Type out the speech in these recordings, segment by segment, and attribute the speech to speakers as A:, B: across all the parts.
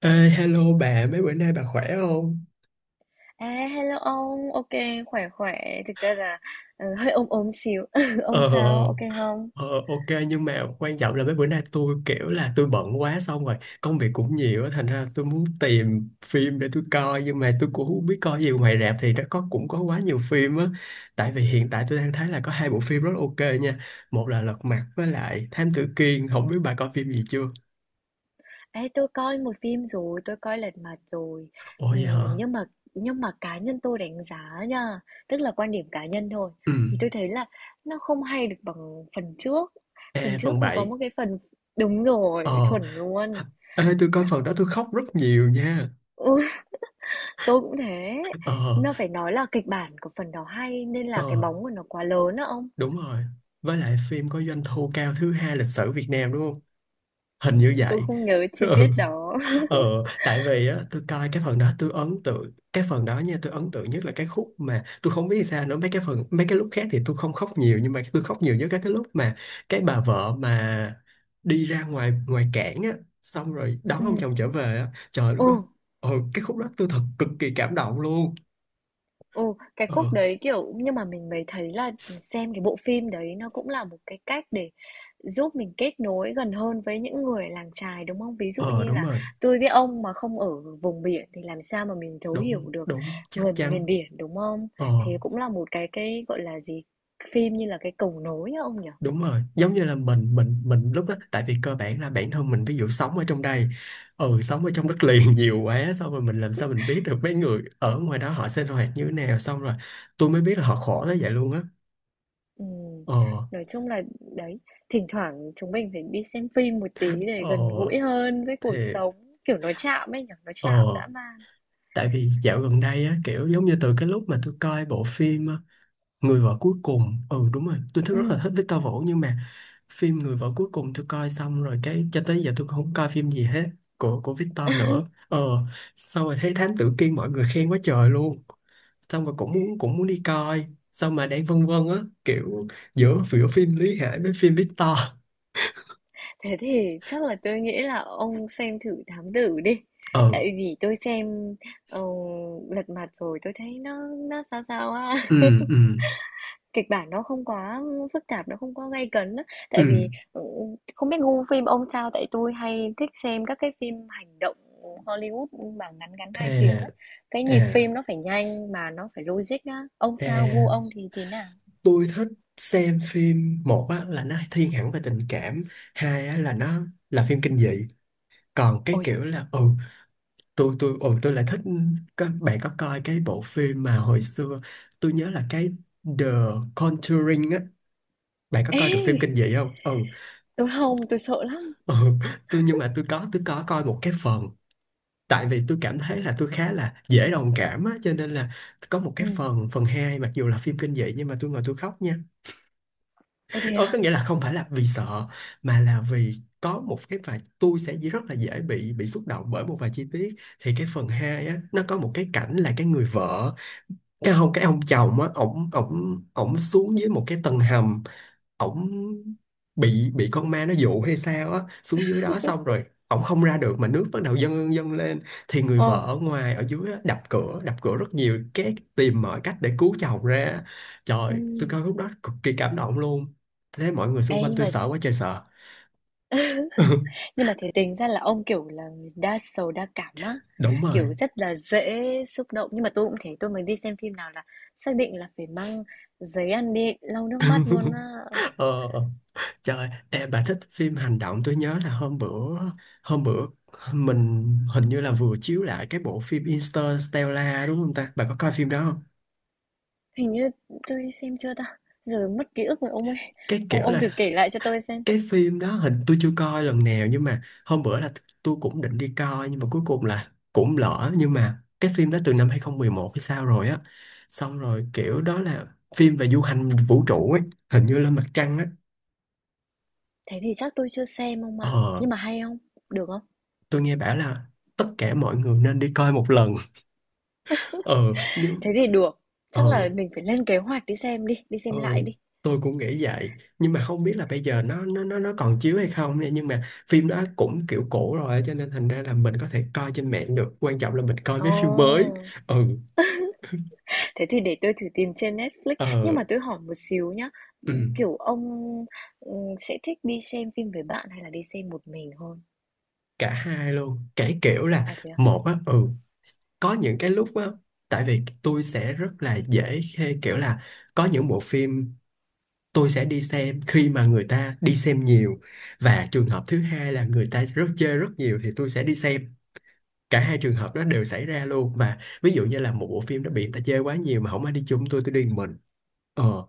A: Ê, hello bà, mấy bữa nay bà khỏe không?
B: À, hello ông, ok, khỏe khỏe, thực ra là hơi ốm ốm xíu, ông
A: Ờ,
B: sao, ok không?
A: ờ, ok nhưng mà quan trọng là mấy bữa nay tôi kiểu là tôi bận quá xong rồi công việc cũng nhiều á thành ra tôi muốn tìm phim để tôi coi nhưng mà tôi cũng không biết coi gì ngoài rạp thì nó cũng có quá nhiều phim á tại vì hiện tại tôi đang thấy là có hai bộ phim rất ok nha, một là Lật Mặt với lại Thám Tử Kiên, không biết bà coi phim gì chưa?
B: Ê, tôi coi một phim rồi, tôi coi Lật Mặt rồi.
A: Ồ vậy
B: Ừm,
A: hả?
B: nhưng mà nhưng mà cá nhân tôi đánh giá nha, tức là quan điểm cá nhân thôi,
A: Ừ.
B: thì tôi thấy là nó không hay được bằng phần trước. Phần
A: Ê, phần
B: trước nó có
A: 7.
B: một cái phần, đúng rồi,
A: Ờ.
B: chuẩn luôn,
A: Ê, tôi coi phần
B: đó,
A: đó tôi khóc rất nhiều nha.
B: ừ, tôi cũng thế.
A: Ờ.
B: Nó phải nói là kịch bản của phần đó hay nên
A: Ờ.
B: là cái bóng của nó quá lớn á ông.
A: Đúng rồi. Với lại phim có doanh thu cao thứ hai lịch sử Việt Nam đúng không?
B: Ừ,
A: Hình như
B: tôi
A: vậy.
B: không nhớ chi
A: Ừ,
B: tiết đó.
A: ừ. Tại vì á, tôi coi cái phần đó tôi ấn tượng cái phần đó nha, tôi ấn tượng nhất là cái khúc mà tôi không biết sao nữa, mấy cái phần mấy cái lúc khác thì tôi không khóc nhiều nhưng mà tôi khóc nhiều nhất là cái lúc mà cái bà vợ mà đi ra ngoài ngoài cảng á xong rồi đón ông
B: Ừ
A: chồng trở về á, trời lúc
B: ồ
A: đó ờ cái khúc đó tôi thật cực kỳ cảm động luôn.
B: ồ Cái
A: Ờ.
B: khúc đấy, kiểu nhưng mà mình mới thấy là xem cái bộ phim đấy nó cũng là một cái cách để giúp mình kết nối gần hơn với những người làng chài, đúng không? Ví dụ
A: Ờ
B: như
A: đúng
B: là
A: rồi.
B: tôi với ông mà không ở vùng biển thì làm sao mà mình thấu hiểu
A: Đúng
B: được
A: đúng chắc
B: người miền
A: chắn.
B: biển, đúng không?
A: Ờ
B: Thì cũng là một cái, gọi là gì, phim như là cái cầu nối á ông nhỉ?
A: đúng rồi, giống như là mình lúc đó tại vì cơ bản là bản thân mình ví dụ sống ở trong đây, ừ sống ở trong đất liền nhiều quá xong rồi mình làm sao mình biết được mấy người ở ngoài đó họ sinh hoạt như thế nào xong rồi tôi mới biết là họ khổ tới vậy luôn á.
B: Ừm,
A: Ờ.
B: nói chung là đấy, thỉnh thoảng chúng mình phải đi xem phim một tí để gần
A: Ờ
B: gũi hơn với cuộc
A: thì
B: sống, kiểu nó chạm ấy nhỉ, nó chạm
A: ờ,
B: dã man.
A: tại vì dạo gần đây á kiểu giống như từ cái lúc mà tôi coi bộ phim Người vợ cuối cùng, ừ đúng rồi tôi thích rất là
B: Ừm,
A: thích Victor Vũ nhưng mà phim Người vợ cuối cùng tôi coi xong rồi cái cho tới giờ tôi không coi phim gì hết của Victor nữa, ờ xong rồi thấy Thám Tử Kiên mọi người khen quá trời luôn, xong rồi cũng muốn đi coi, xong mà đang vân vân á, kiểu giữa giữa phim Lý Hải với phim Victor.
B: Thế thì chắc là tôi nghĩ là ông xem thử Thám Tử đi.
A: Ờ.
B: Tại vì tôi xem ờ, Lật Mặt rồi tôi thấy nó sao sao á.
A: Ừ. Ừ.
B: Kịch bản nó không quá phức tạp, nó không quá gay cấn á.
A: Ừ.
B: Tại vì không biết gu phim ông sao, tại tôi hay thích xem các cái phim hành động Hollywood mà ngắn ngắn hai tiếng ấy.
A: À.
B: Cái nhịp
A: À.
B: phim nó phải nhanh mà nó phải logic á. Ông sao, gu
A: À
B: ông thì thế nào?
A: tôi thích xem phim, một á là nó thiên hẳn về tình cảm, hai á là nó là phim kinh dị, còn cái
B: Ôi trời.
A: kiểu là ừ tôi ừ tôi lại thích, các bạn có coi cái bộ phim mà hồi xưa tôi nhớ là cái The Conjuring á, bạn có
B: Ê,
A: coi được phim kinh dị không? Ừ.
B: tôi không, tôi sợ lắm.
A: Ừ. Tôi nhưng mà tôi có coi một cái phần, tại vì tôi cảm thấy là tôi khá là dễ đồng cảm á cho nên là có một
B: Ừ.
A: cái phần phần hai mặc dù là phim kinh dị nhưng mà tôi ngồi tôi khóc nha.
B: Ôi thế
A: Ờ, có
B: á?
A: nghĩa là không phải là vì sợ mà là vì có một cái vài tôi sẽ rất là dễ bị xúc động bởi một vài chi tiết, thì cái phần 2 á nó có một cái cảnh là cái người vợ, cái ông chồng á ổng ổng ổng xuống dưới một cái tầng hầm, ổng bị con ma nó dụ hay sao á xuống dưới đó xong rồi ổng không ra được mà nước bắt đầu dâng dâng lên, thì người
B: Ồ,
A: vợ ở ngoài ở dưới á, đập cửa rất nhiều cái tìm mọi cách để cứu chồng ra, trời tôi
B: ừm.
A: coi lúc đó cực kỳ cảm động luôn, thế mọi người xung
B: Ê,
A: quanh
B: nhưng
A: tôi
B: mà
A: sợ quá trời sợ.
B: nhưng mà thế tính ra là ông, kiểu là, người đa sầu đa cảm á,
A: Đúng rồi.
B: kiểu, rất là dễ xúc động. Nhưng mà tôi cũng thế, tôi mới đi xem phim nào là xác định là phải mang giấy ăn đi lau nước mắt luôn á.
A: Ờ, trời em, bà thích phim hành động. Tôi nhớ là hôm bữa mình hình như là vừa chiếu lại cái bộ phim Interstellar đúng không ta, bà có coi phim đó không?
B: Hình như tôi đi xem chưa ta? Giờ mất ký ức rồi ông ơi.
A: Cái
B: Ông
A: kiểu
B: ông thử
A: là
B: kể lại cho tôi xem.
A: cái phim đó hình tôi chưa coi lần nào nhưng mà hôm bữa là tôi cũng định đi coi nhưng mà cuối cùng là cũng lỡ, nhưng mà cái phim đó từ năm 2011 hay sao rồi á, xong rồi kiểu đó là phim về du hành vũ trụ ấy, hình như lên mặt trăng á.
B: Thế thì chắc tôi chưa xem ông ạ.
A: Ờ
B: Nhưng mà hay không? Được không?
A: tôi nghe bảo là tất cả mọi người nên đi coi một lần. Ờ nhưng
B: Thế thì được. Chắc
A: ờ.
B: là mình phải lên kế hoạch đi xem đi, đi
A: Ừ,
B: xem lại đi.
A: tôi cũng nghĩ vậy nhưng mà không biết là bây giờ nó còn chiếu hay không nha, nhưng mà phim đó cũng kiểu cũ rồi cho nên thành ra là mình có thể coi trên mạng được, quan trọng là mình coi mấy phim mới.
B: Ồ.
A: Ừ.
B: Thế thì để tôi thử tìm trên Netflix, nhưng
A: Ờ.
B: mà tôi hỏi một xíu nhá,
A: Ừ,
B: kiểu ông, sẽ thích đi xem phim với bạn hay là đi xem một mình hơn?
A: cả hai luôn cái kiểu là
B: À, thế à?
A: một á, ừ có những cái lúc á tại vì tôi sẽ rất là dễ khi kiểu là có những bộ phim tôi sẽ đi xem khi mà người ta đi xem nhiều, và trường hợp thứ hai là người ta rất chơi rất nhiều thì tôi sẽ đi xem, cả hai trường hợp đó đều xảy ra luôn, và ví dụ như là một bộ phim đó bị người ta chê quá nhiều mà không ai đi chung tôi đi một mình. Ờ.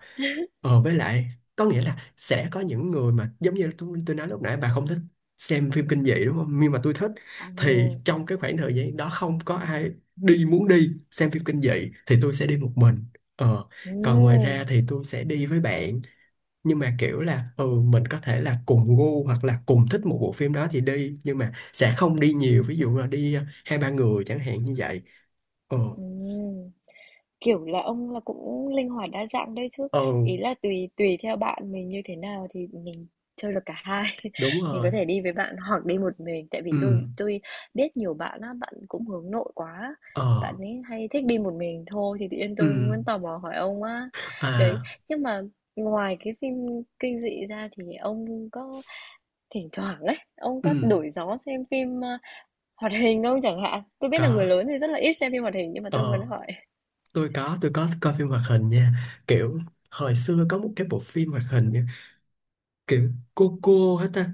A: Ờ với lại có nghĩa là sẽ có những người mà giống như tôi nói lúc nãy bà không thích xem phim kinh dị đúng không nhưng mà tôi thích, thì
B: ừ
A: trong cái khoảng thời gian đó không có ai đi muốn đi xem phim kinh dị thì tôi sẽ đi một mình. Ờ.
B: ừ
A: Còn ngoài ra thì tôi sẽ đi với bạn nhưng mà kiểu là ừ mình có thể là cùng gu hoặc là cùng thích một bộ phim đó thì đi, nhưng mà sẽ không đi nhiều, ví dụ là đi ờ, hai ba người chẳng hạn như vậy. Ờ.
B: ừm. Kiểu là, ông là cũng linh hoạt đa dạng đấy chứ.
A: Ờ
B: Ý là tùy tùy theo bạn mình như thế nào thì mình chơi được cả hai.
A: đúng
B: Mình có
A: rồi.
B: thể đi với bạn hoặc đi một mình, tại vì
A: Ừ.
B: tôi biết nhiều bạn á, bạn cũng hướng nội quá. Bạn
A: Ờ.
B: ấy hay thích đi một mình thôi thì tự nhiên
A: Ừ.
B: tôi muốn tò mò hỏi ông á. Đấy,
A: À.
B: nhưng mà ngoài cái phim kinh dị ra thì ông có thỉnh thoảng ấy, ông
A: Ừ
B: có đổi gió xem phim hoạt hình không chẳng hạn? Tôi biết
A: có.
B: là người lớn thì rất là ít xem phim hoạt hình nhưng mà tôi muốn
A: Ờ
B: hỏi.
A: tôi có coi phim hoạt hình nha, kiểu hồi xưa có một cái bộ phim hoạt hình nha, kiểu cô hết ta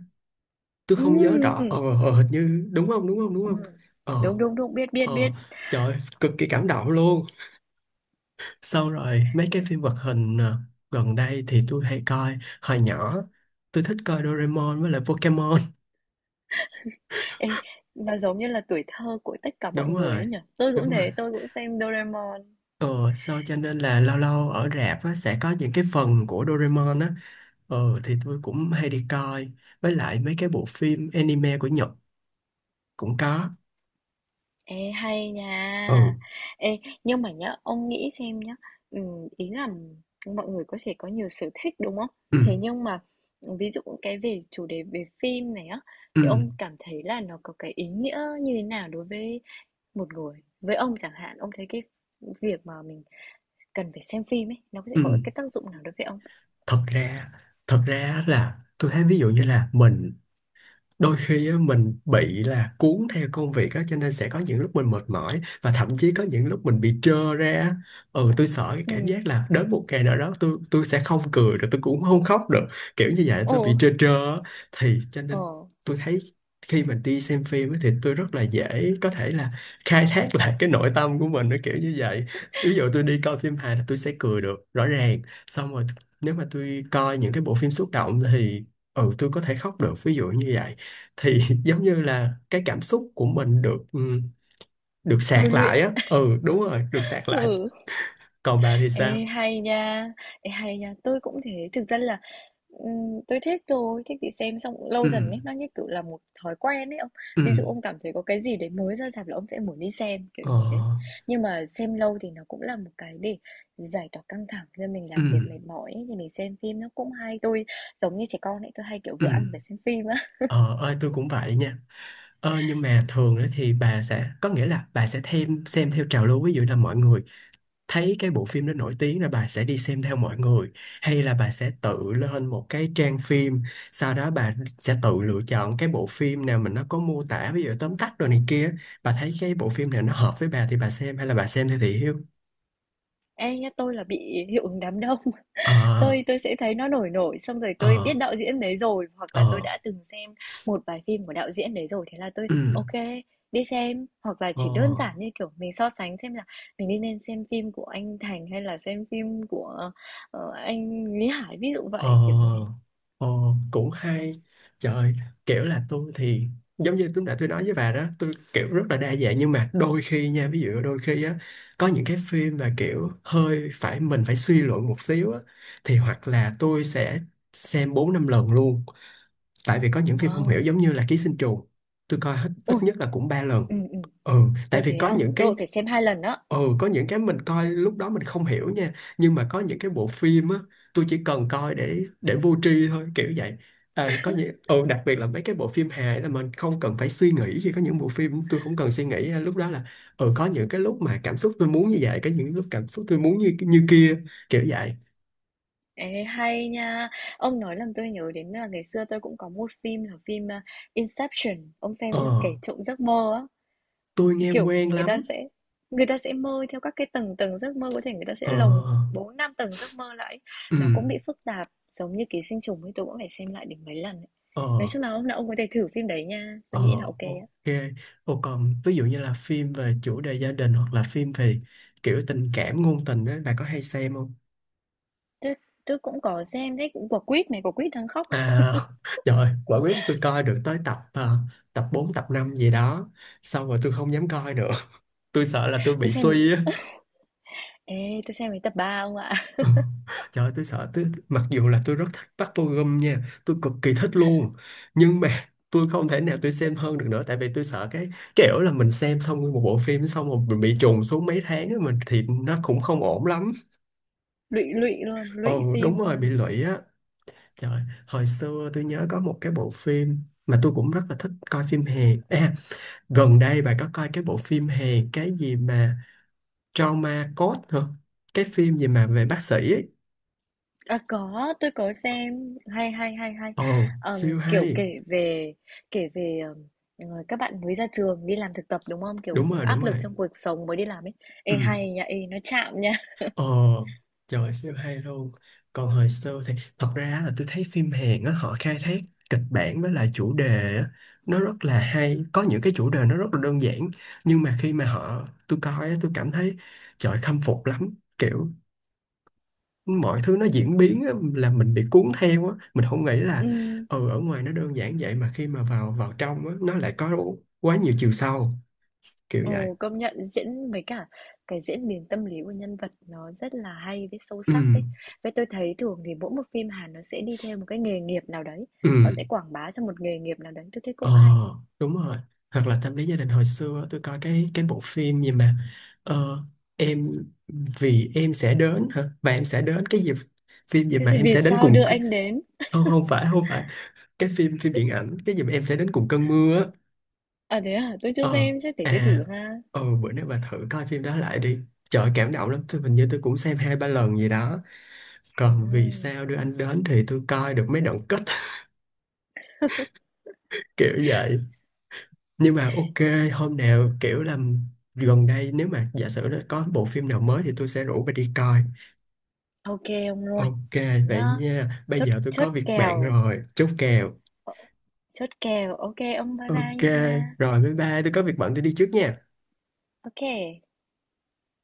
A: tôi không nhớ rõ ờ.
B: Ừm.
A: Ờ, hình như đúng không.
B: Ừm.
A: Ờ.
B: Đúng, đúng, đúng, biết, biết,
A: Ờ
B: biết.
A: trời ơi, cực kỳ cảm động luôn. Xong rồi mấy cái phim hoạt hình à, gần đây thì tôi hay coi, hồi nhỏ tôi thích coi Doraemon với lại Pokemon.
B: Ê, nó giống như là tuổi thơ của tất cả mọi
A: Đúng
B: người ấy
A: rồi.
B: nhỉ? Tôi cũng
A: Đúng rồi.
B: thế, tôi cũng xem Doraemon.
A: Ờ sau cho nên là lâu lâu ở rạp á, sẽ có những cái phần của Doraemon á, ờ thì tôi cũng hay đi coi, với lại mấy cái bộ phim anime của Nhật cũng có.
B: Ê, hay
A: Ừ.
B: nha. Ê, nhưng mà nhá, ông nghĩ xem nhá, ý là mọi người có thể có nhiều sở thích đúng không?
A: Ừ.
B: Thế nhưng mà ví dụ cái về chủ đề về phim này á,
A: Ừ.
B: thì ông cảm thấy là nó có cái ý nghĩa như thế nào đối với một người? Với ông chẳng hạn, ông thấy cái việc mà mình cần phải xem phim ấy, nó sẽ
A: Ừ.
B: có cái tác dụng nào đối với ông?
A: thật ra Thật ra là tôi thấy ví dụ như là mình đôi khi á, mình bị là cuốn theo công việc á cho nên sẽ có những lúc mình mệt mỏi và thậm chí có những lúc mình bị trơ ra á. Ừ tôi sợ cái cảm
B: Ừ.
A: giác là đến một ngày nào đó tôi sẽ không cười được, tôi cũng không khóc được, kiểu như vậy tôi bị
B: Ồ.
A: trơ trơ á. Thì cho nên
B: Ờ,
A: tôi thấy khi mình đi xem phim á, thì tôi rất là dễ có thể là khai thác lại cái nội tâm của mình nó kiểu như vậy, ví dụ tôi đi coi phim hài là tôi sẽ cười được rõ ràng, xong rồi nếu mà tôi coi những cái bộ phim xúc động thì ừ tôi có thể khóc được ví dụ như vậy, thì giống như là cái cảm xúc của mình được ừ, được
B: tôi
A: sạc lại
B: luyện,
A: á, ừ đúng rồi được sạc lại.
B: ừ.
A: Còn bà thì sao?
B: Ê, hay nha, Ê, hay nha, tôi cũng thế. Thực ra là tôi thích thôi, thích thì xem xong cũng
A: Ừ.
B: lâu dần ấy, nó như kiểu là một thói quen ấy ông.
A: Ừ.
B: Ví dụ ông cảm thấy có cái gì đấy mới ra rạp là ông sẽ muốn đi xem, kiểu
A: Ờ.
B: như thế. Nhưng mà xem lâu thì nó cũng là một cái để giải tỏa căng thẳng cho mình
A: Ừ.
B: làm việc mệt mỏi ấy, thì mình xem phim nó cũng hay. Tôi giống như trẻ con ấy, tôi hay kiểu
A: Ừ.
B: vừa ăn vừa xem phim á.
A: Ờ ơi tôi cũng vậy nha. Ờ nhưng mà thường đó thì bà sẽ có nghĩa là bà sẽ thêm xem theo trào lưu, ví dụ là mọi người thấy cái bộ phim đó nổi tiếng là bà sẽ đi xem theo mọi người, hay là bà sẽ tự lên một cái trang phim sau đó bà sẽ tự lựa chọn cái bộ phim nào mình, nó có mô tả ví dụ tóm tắt rồi này kia, bà thấy cái bộ phim nào nó hợp với bà thì bà xem, hay là bà xem theo thị hiếu.
B: Ê nhá, tôi là bị hiệu ứng đám đông.
A: Ờ.
B: Tôi sẽ thấy nó nổi nổi, xong rồi tôi
A: Ờ.
B: biết đạo diễn đấy rồi, hoặc là tôi
A: Ờ.
B: đã từng xem một vài phim của đạo diễn đấy rồi, thế là tôi
A: Ừ,
B: ok đi xem. Hoặc là
A: ờ.
B: chỉ đơn giản như, kiểu, mình so sánh xem là mình đi nên xem phim của anh Thành hay là xem phim của, ờ, anh Lý Hải, ví dụ
A: Ờ,
B: vậy, kiểu như thế.
A: ờ, cũng hay. Trời, kiểu là tôi thì giống như lúc nãy tôi nói với bà đó, tôi kiểu rất là đa dạng nhưng mà đôi khi nha, ví dụ đôi khi á có những cái phim mà kiểu hơi phải mình phải suy luận một xíu á, thì hoặc là tôi sẽ xem bốn năm lần luôn, tại vì có những phim không hiểu
B: Wow!
A: giống như là Ký sinh trùng tôi coi hết
B: ui
A: ít nhất là cũng ba lần.
B: ừ ừ
A: Ừ. Tại
B: Ồ,
A: vì
B: thế
A: có
B: à?
A: những
B: Tôi
A: cái.
B: phải xem 2 lần đó.
A: Ừ, có những cái mình coi lúc đó mình không hiểu nha, nhưng mà có những cái bộ Phim á, tôi chỉ cần coi để vô tri thôi, kiểu vậy. À, có những đặc biệt là mấy cái bộ phim hài là mình không cần phải suy nghĩ, khi có những bộ phim tôi không cần suy nghĩ lúc đó là có những cái lúc mà cảm xúc tôi muốn như vậy, có những lúc cảm xúc tôi muốn như như kia, kiểu vậy.
B: Ê, hay nha! Ông nói làm tôi nhớ đến là ngày xưa tôi cũng có một phim là phim, a, Inception, ông xem
A: Ờ,
B: chưa? Kẻ trộm giấc mơ á.
A: tôi nghe
B: Kiểu,
A: quen
B: người ta
A: lắm.
B: sẽ người ta sẽ mơ theo các cái tầng tầng giấc mơ, có thể người ta sẽ
A: Ờ.
B: lồng khoảng 4 5 tầng giấc mơ lại.
A: Ừ.
B: Nó cũng bị phức tạp, giống như Ký Sinh Trùng ấy, tôi cũng phải xem lại đến mấy lần ấy. Nói
A: Ờ.
B: chung là hôm nào ông có thể thử phim đấy nha,
A: Ờ,
B: tôi nghĩ là ok á.
A: ok. Ồ, còn ví dụ như là phim về chủ đề gia đình hoặc là phim về kiểu tình cảm ngôn tình đó, bà có hay xem không?
B: Tôi tôi cũng có xem đấy, cũng Quả Quýt này, Quả Quýt đang khóc.
A: À, trời, quả quyết tôi coi được tới tập à, tập 4 tập 5 gì đó. Xong rồi tôi không dám coi nữa. Tôi sợ là tôi
B: Tôi
A: bị
B: xem
A: suy á.
B: tôi xem đến tập 3 ông ạ.
A: Ừ. Trời ơi, tôi sợ tôi, mặc dù là tôi rất thích Park Bo Gum nha, tôi cực kỳ thích luôn, nhưng mà tôi không thể nào tôi xem hơn được nữa, tại vì tôi sợ cái kiểu là mình xem xong một bộ phim xong rồi mình bị trùng xuống mấy tháng á, mình thì nó cũng không ổn lắm.
B: Lụy lụy luôn, lụy
A: Ồ
B: phim
A: đúng rồi,
B: luôn.
A: bị lụy á. Trời, hồi xưa tôi nhớ có một cái bộ phim mà tôi cũng rất là thích coi phim Hàn à, gần đây bà có coi cái bộ phim Hàn cái gì mà Trauma Code hả, cái phim gì mà về bác sĩ ấy.
B: À, có, tôi có xem, hay, hay, hay, hay.
A: Ồ
B: Ờm,
A: siêu
B: kiểu
A: hay.
B: kể về kể về ờ, các bạn mới ra trường đi làm thực tập đúng không? Kiểu
A: Đúng rồi, đúng
B: áp lực
A: rồi.
B: trong cuộc sống mới đi làm ấy.
A: Ừ.
B: Ê hay nha, ê nó chạm nha.
A: Ờ, trời siêu hay luôn. Còn hồi xưa thì thật ra là tôi thấy phim Hàn á, họ khai thác kịch bản với lại chủ đề á, nó rất là hay, có những cái chủ đề nó rất là đơn giản, nhưng mà khi mà họ tôi coi á tôi cảm thấy trời khâm phục lắm, kiểu mọi thứ nó diễn biến á, là mình bị cuốn theo á, mình không nghĩ là
B: Ừm,
A: ừ ở ngoài nó đơn giản vậy mà khi mà vào vào trong á nó lại có quá nhiều chiều sâu, kiểu vậy.
B: ồ, công nhận diễn với cả cái diễn biến tâm lý của nhân vật nó rất là hay với sâu
A: Ừ.
B: sắc ấy. Với tôi thấy thường thì mỗi một phim Hàn nó sẽ đi theo một cái nghề nghiệp nào đấy. Họ
A: Ừ.
B: sẽ quảng bá cho một nghề nghiệp nào đấy. Tôi thấy
A: Ờ
B: cũng hay.
A: đúng rồi. Hoặc là tâm lý gia đình, hồi xưa tôi coi cái bộ phim gì mà ờ, em vì em sẽ đến hả, và em sẽ đến cái gì, phim gì
B: Cái
A: mà
B: gì
A: em
B: vì
A: sẽ đến
B: sao
A: cùng
B: đưa
A: c-.
B: anh đến?
A: Không không phải không phải Cái phim phim điện ảnh. Cái gì mà em sẽ đến cùng cơn mưa á.
B: À thế à, tôi chưa
A: Ờ.
B: xem, chắc để tôi
A: À.
B: thử ha.
A: Ờ bữa nay bà thử coi phim đó lại đi. Trời cảm động lắm, tôi hình như tôi cũng xem hai ba lần gì đó.
B: Ờ,
A: Còn Vì Sao Đưa Anh Đến thì tôi coi được mấy đoạn kết. Kiểu vậy, nhưng mà ok hôm nào kiểu là gần đây nếu mà giả sử nó có bộ phim nào mới thì tôi sẽ rủ bà đi coi.
B: OK ông luôn.
A: Ok,
B: Thế
A: vậy
B: nhá.
A: nha, bây
B: Chốt
A: giờ tôi có
B: chốt
A: việc bận
B: kèo.
A: rồi, chốt kèo.
B: Ờ, Chốt kèo. OK ông bye bye
A: Ok,
B: nha.
A: rồi bye bye, tôi có việc bận tôi đi trước nha.
B: OK.